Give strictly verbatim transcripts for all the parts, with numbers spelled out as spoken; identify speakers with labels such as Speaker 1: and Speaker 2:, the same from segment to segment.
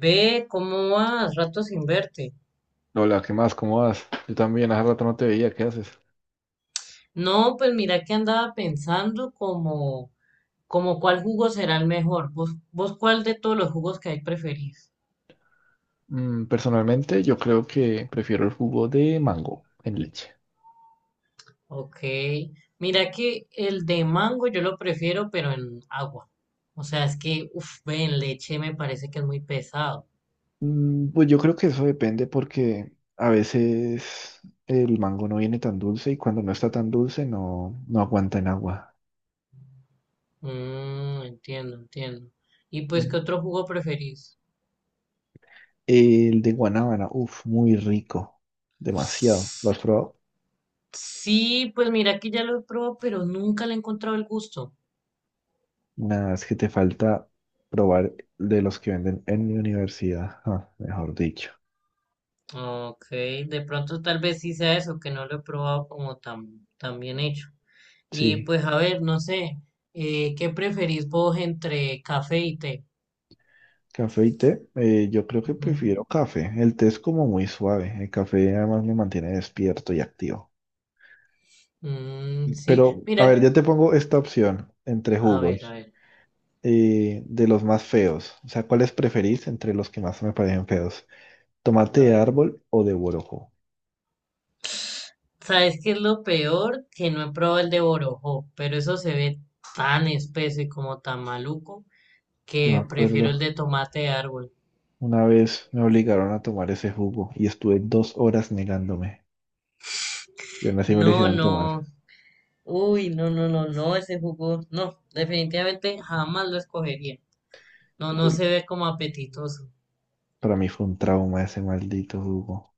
Speaker 1: Ve, ¿cómo vas? Rato sin verte.
Speaker 2: Hola, ¿qué más? ¿Cómo vas? Yo también, hace rato no te veía, ¿qué haces?
Speaker 1: No, pues mira que andaba pensando como, como cuál jugo será el mejor. ¿Vos, vos cuál de todos los jugos que hay preferís?
Speaker 2: Mm, personalmente, yo creo que prefiero el jugo de mango en leche.
Speaker 1: Ok. Mira que el de mango yo lo prefiero, pero en agua. O sea, es que, uff, ve, en leche me parece que es muy pesado.
Speaker 2: Mm, pues yo creo que eso depende porque a veces el mango no viene tan dulce y cuando no está tan dulce no, no aguanta en agua.
Speaker 1: Mm, entiendo, entiendo. ¿Y pues qué
Speaker 2: Mm.
Speaker 1: otro jugo preferís?
Speaker 2: El de guanábana, uff, muy rico, demasiado. ¿Lo has probado?
Speaker 1: Sí, pues mira que ya lo he probado, pero nunca le he encontrado el gusto.
Speaker 2: Nada, es que te falta probar de los que venden en mi universidad, ah, mejor dicho.
Speaker 1: Ok, de pronto tal vez sí sea eso, que no lo he probado como tan, tan bien hecho. Y
Speaker 2: Sí.
Speaker 1: pues a ver, no sé, eh, ¿qué preferís vos entre café y té?
Speaker 2: Café y té, eh, yo creo que
Speaker 1: Ujú.
Speaker 2: prefiero café. El té es como muy suave. El café además me mantiene despierto y activo.
Speaker 1: Mm, sí,
Speaker 2: Pero, a ver,
Speaker 1: mira,
Speaker 2: yo te pongo esta opción entre
Speaker 1: a ver, a
Speaker 2: jugos,
Speaker 1: ver,
Speaker 2: eh, de los más feos. O sea, ¿cuáles preferís entre los que más me parecen feos? ¿Tomate
Speaker 1: a
Speaker 2: de
Speaker 1: ver.
Speaker 2: árbol o de borojó?
Speaker 1: ¿Sabes qué es lo peor? Que no he probado el de Borojó, pero eso se ve tan espeso y como tan maluco
Speaker 2: Yo me
Speaker 1: que prefiero el
Speaker 2: acuerdo,
Speaker 1: de tomate de árbol.
Speaker 2: una vez me obligaron a tomar ese jugo y estuve dos horas negándome. Y aún así me lo
Speaker 1: No,
Speaker 2: hicieron tomar.
Speaker 1: no, uy, no, no, no, no, ese jugo, no, definitivamente jamás lo escogería. No, no
Speaker 2: Uy,
Speaker 1: se ve como apetitoso.
Speaker 2: para mí fue un trauma ese maldito jugo.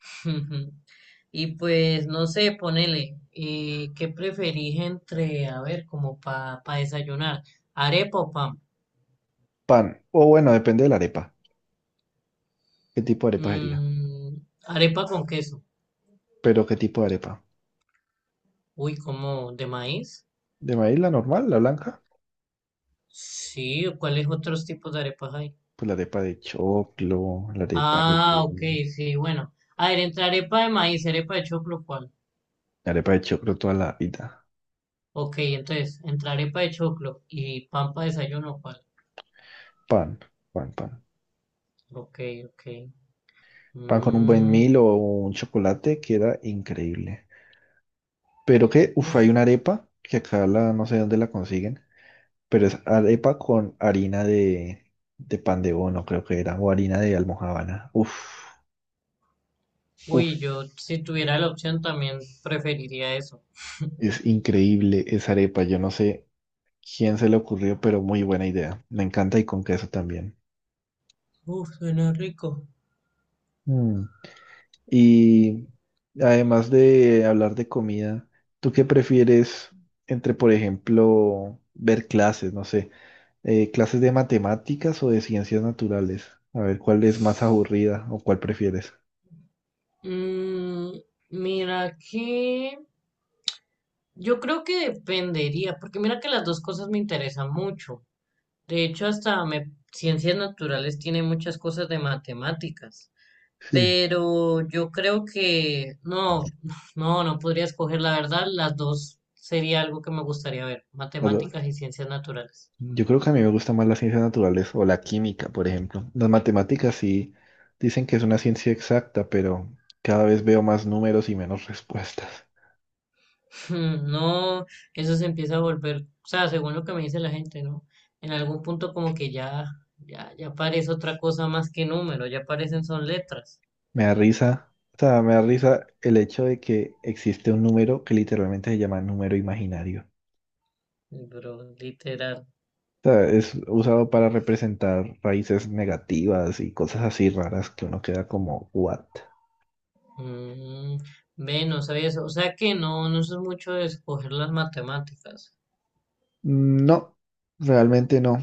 Speaker 1: Y pues, no sé, ponele, eh, ¿qué preferís entre, a ver, como para desayunar? ¿Arepa o pan?
Speaker 2: Pan, o bueno, depende de la arepa. ¿Qué tipo de arepa sería?
Speaker 1: Mm, arepa con queso.
Speaker 2: ¿Pero qué tipo de arepa?
Speaker 1: Uy, como, ¿de maíz?
Speaker 2: ¿De maíz la normal, la blanca?
Speaker 1: Sí, ¿o cuáles otros tipos de arepas hay?
Speaker 2: Pues la arepa de choclo, la arepa de...
Speaker 1: Ah, ok, sí, bueno. A ver, entre arepa de maíz, arepa de choclo, ¿cuál?
Speaker 2: La arepa de choclo toda la vida.
Speaker 1: Ok, entonces, entre arepa de choclo y pan para desayuno, ¿cuál?
Speaker 2: Pan, pan, pan.
Speaker 1: Ok, ok.
Speaker 2: Pan con un buen
Speaker 1: Mm,
Speaker 2: mil o un chocolate queda increíble. Pero que, uff, hay
Speaker 1: uf.
Speaker 2: una arepa que acá la, no sé dónde la consiguen, pero es arepa con harina de, de pan de bono, creo que era, o harina de almojábana. Uff, uff,
Speaker 1: Uy, yo si tuviera la opción también preferiría eso.
Speaker 2: es increíble esa arepa. Yo no sé quién se le ocurrió, pero muy buena idea. Me encanta y con queso también.
Speaker 1: Uf, suena rico.
Speaker 2: Mm. Y además de hablar de comida, ¿tú qué prefieres entre, por ejemplo, ver clases, no sé, eh, clases de matemáticas o de ciencias naturales? A ver, ¿cuál es más aburrida o cuál prefieres?
Speaker 1: Mm, mira que yo creo que dependería, porque mira que las dos cosas me interesan mucho. De hecho, hasta me- ciencias naturales tiene muchas cosas de matemáticas,
Speaker 2: Sí.
Speaker 1: pero yo creo que no, no, no podría escoger la verdad. Las dos sería algo que me gustaría ver,
Speaker 2: Bueno,
Speaker 1: matemáticas y ciencias naturales.
Speaker 2: yo creo que a mí me gusta más las ciencias naturales o la química, por ejemplo. Las matemáticas sí dicen que es una ciencia exacta, pero cada vez veo más números y menos respuestas.
Speaker 1: Mm, no, eso se empieza a volver, o sea, según lo que me dice la gente, ¿no? En algún punto como que ya, ya, ya parece otra cosa más que número, ya parecen son letras,
Speaker 2: Me da risa, o sea, me da risa el hecho de que existe un número que literalmente se llama número imaginario.
Speaker 1: pero literal.
Speaker 2: O sea, es usado para representar raíces negativas y cosas así raras que uno queda como, ¿what?
Speaker 1: Mm, ve, no sabía eso, o sea que no, no soy mucho de escoger las matemáticas.
Speaker 2: Mm, no, realmente no.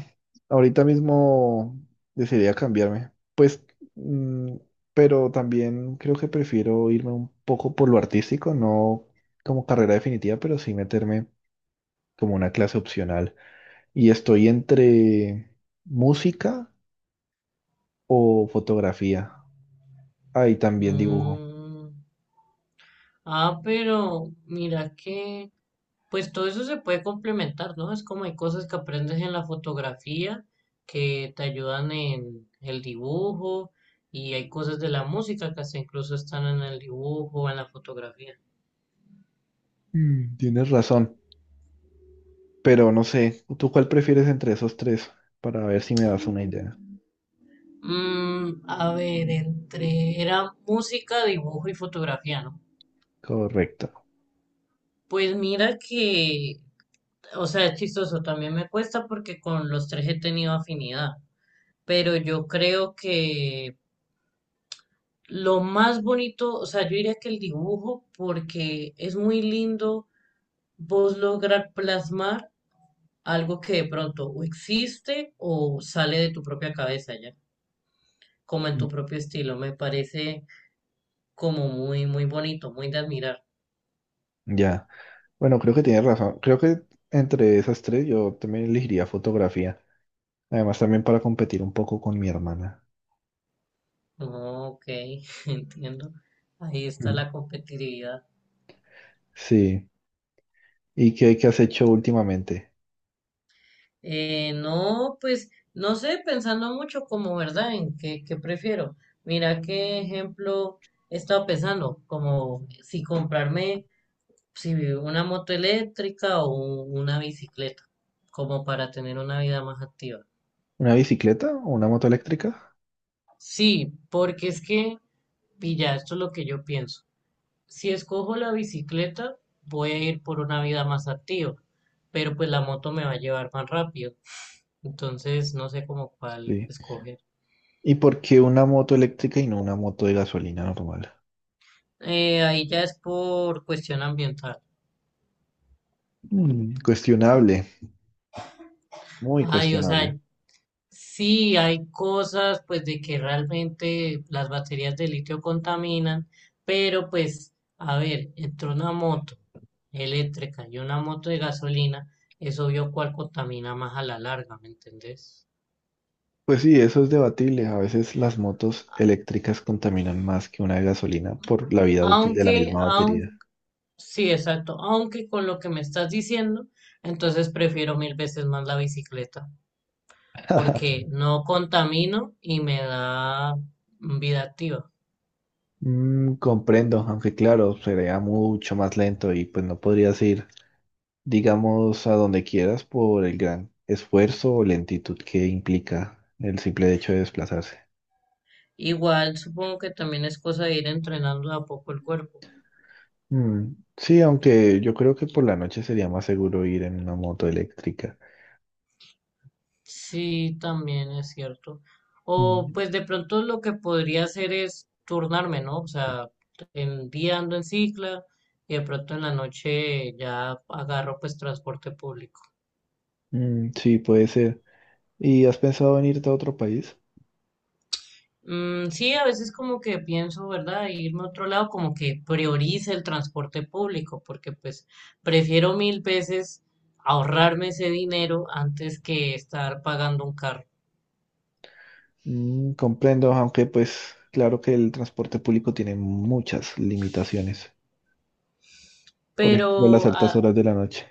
Speaker 2: Ahorita mismo decidiría cambiarme. Pues, mm, pero también creo que prefiero irme un poco por lo artístico, no como carrera definitiva, pero sí meterme como una clase opcional. Y estoy entre música o fotografía. Ahí también dibujo.
Speaker 1: Mm, ah, pero mira que pues todo eso se puede complementar, ¿no? Es como hay cosas que aprendes en la fotografía que te ayudan en el dibujo y hay cosas de la música que hasta incluso están en el dibujo o en la fotografía.
Speaker 2: Mm, tienes razón, pero no sé, ¿tú cuál prefieres entre esos tres? Para ver si me das una idea.
Speaker 1: Mm, a ver, entre era música, dibujo y fotografía, ¿no?
Speaker 2: Correcto.
Speaker 1: Pues mira que, o sea, es chistoso, también me cuesta porque con los tres he tenido afinidad, pero yo creo que lo más bonito, o sea, yo diría que el dibujo, porque es muy lindo vos lograr plasmar algo que de pronto o existe o sale de tu propia cabeza ya, como en
Speaker 2: Mm.
Speaker 1: tu propio estilo. Me parece como muy, muy bonito, muy de admirar.
Speaker 2: Ya. Bueno, creo que tienes razón. Creo que entre esas tres yo también elegiría fotografía. Además, también para competir un poco con mi hermana.
Speaker 1: Ok, entiendo. Ahí está
Speaker 2: Mm.
Speaker 1: la competitividad.
Speaker 2: Sí. ¿Y qué, qué has hecho últimamente?
Speaker 1: Eh, no, pues no sé, pensando mucho como, ¿verdad? En qué, qué prefiero. Mira qué ejemplo he estado pensando, como si comprarme si una moto eléctrica o un- una bicicleta, como para tener una vida más activa.
Speaker 2: ¿Una bicicleta o una moto eléctrica?
Speaker 1: Sí, porque es que, pilla, esto es lo que yo pienso. Si escojo la bicicleta, voy a ir por una vida más activa, pero pues la moto me va a llevar más rápido. Entonces, no sé cómo cuál
Speaker 2: Sí.
Speaker 1: escoger.
Speaker 2: ¿Y por qué una moto eléctrica y no una moto de gasolina normal?
Speaker 1: Eh, ahí ya es por cuestión ambiental.
Speaker 2: Mm, cuestionable, muy
Speaker 1: Ay, o sea,
Speaker 2: cuestionable.
Speaker 1: sí hay cosas pues de que realmente las baterías de litio contaminan, pero pues, a ver, entre una moto eléctrica y una moto de gasolina, es obvio cuál contamina más a la larga, ¿me entendés?
Speaker 2: Pues sí, eso es debatible. A veces las motos eléctricas contaminan más que una de gasolina por la vida útil de la
Speaker 1: Aunque,
Speaker 2: misma batería.
Speaker 1: aun, sí, exacto, aunque con lo que me estás diciendo, entonces prefiero mil veces más la bicicleta. Porque no contamino y me da vida activa.
Speaker 2: Mm, comprendo, aunque claro, sería mucho más lento y pues no podrías ir, digamos, a donde quieras por el gran esfuerzo o lentitud que implica el simple hecho de desplazarse.
Speaker 1: Igual supongo que también es cosa de ir entrenando de a poco el cuerpo.
Speaker 2: Mm, Sí, aunque yo creo que por la noche sería más seguro ir en una moto eléctrica.
Speaker 1: Sí, también es cierto. O
Speaker 2: Mm,
Speaker 1: pues de pronto lo que podría hacer es turnarme, ¿no? O sea, el día ando en cicla y de pronto en la noche ya agarro pues transporte público.
Speaker 2: mm, sí, puede ser. ¿Y has pensado en irte a otro país?
Speaker 1: Mm, sí, a veces como que pienso, ¿verdad? Irme a otro lado, como que priorice el transporte público, porque pues prefiero mil veces ahorrarme ese dinero antes que estar pagando un carro.
Speaker 2: Mm, comprendo, aunque pues claro que el transporte público tiene muchas limitaciones. Por ejemplo, las
Speaker 1: Pero
Speaker 2: altas
Speaker 1: a-
Speaker 2: horas de la noche.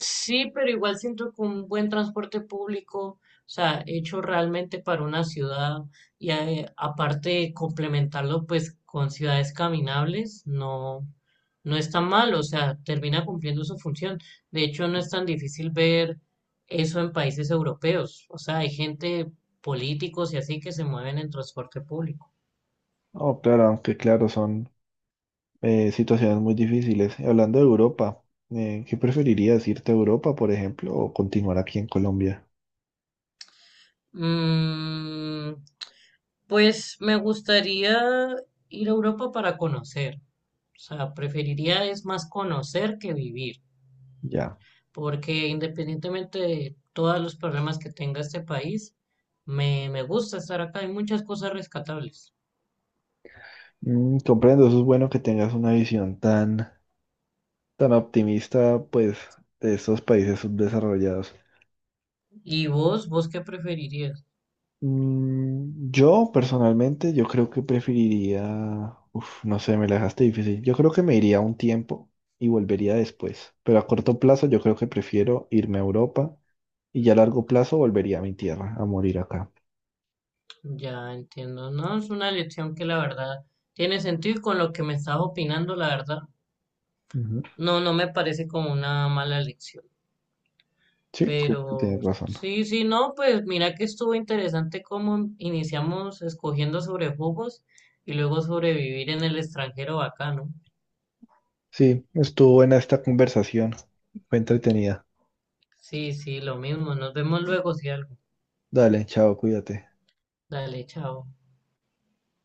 Speaker 1: Sí, pero igual siento que un buen transporte público, o sea, hecho realmente para una ciudad y eh, aparte de complementarlo pues con ciudades caminables, no, no es tan mal, o sea, termina cumpliendo su función. De hecho, no es tan difícil ver eso en países europeos, o sea, hay gente, políticos y así que se mueven en transporte público.
Speaker 2: Oh, claro, aunque claro, son eh, situaciones muy difíciles. Y hablando de Europa, eh, ¿qué preferirías? ¿Irte a Europa, por ejemplo, o continuar aquí en Colombia?
Speaker 1: Mm, pues me gustaría ir a Europa para conocer. O sea, preferiría es más conocer que vivir,
Speaker 2: Ya.
Speaker 1: porque independientemente de todos los problemas que tenga este país, me, me gusta estar acá, hay muchas cosas rescatables.
Speaker 2: Mm, comprendo, eso es bueno que tengas una visión tan tan optimista, pues, de estos países subdesarrollados.
Speaker 1: ¿Y vos, vos qué preferirías?
Speaker 2: Mm, yo, personalmente, yo creo que preferiría, uf, no sé, me la dejaste difícil. Yo creo que me iría un tiempo y volvería después, pero a corto plazo yo creo que prefiero irme a Europa y ya a largo plazo volvería a mi tierra, a morir acá.
Speaker 1: Ya entiendo, no es una elección que la verdad tiene sentido y con lo que me estaba opinando, la verdad,
Speaker 2: Ujú.
Speaker 1: no, no me parece como una mala elección.
Speaker 2: Sí, creo que
Speaker 1: Pero
Speaker 2: tienes razón.
Speaker 1: sí, sí, no, pues mira que estuvo interesante cómo iniciamos escogiendo sobre jugos y luego sobrevivir en el extranjero bacano.
Speaker 2: Sí, estuvo buena esta conversación, fue entretenida.
Speaker 1: Sí, sí, lo mismo. Nos vemos luego si algo.
Speaker 2: Dale, chao, cuídate.
Speaker 1: Dale, chao.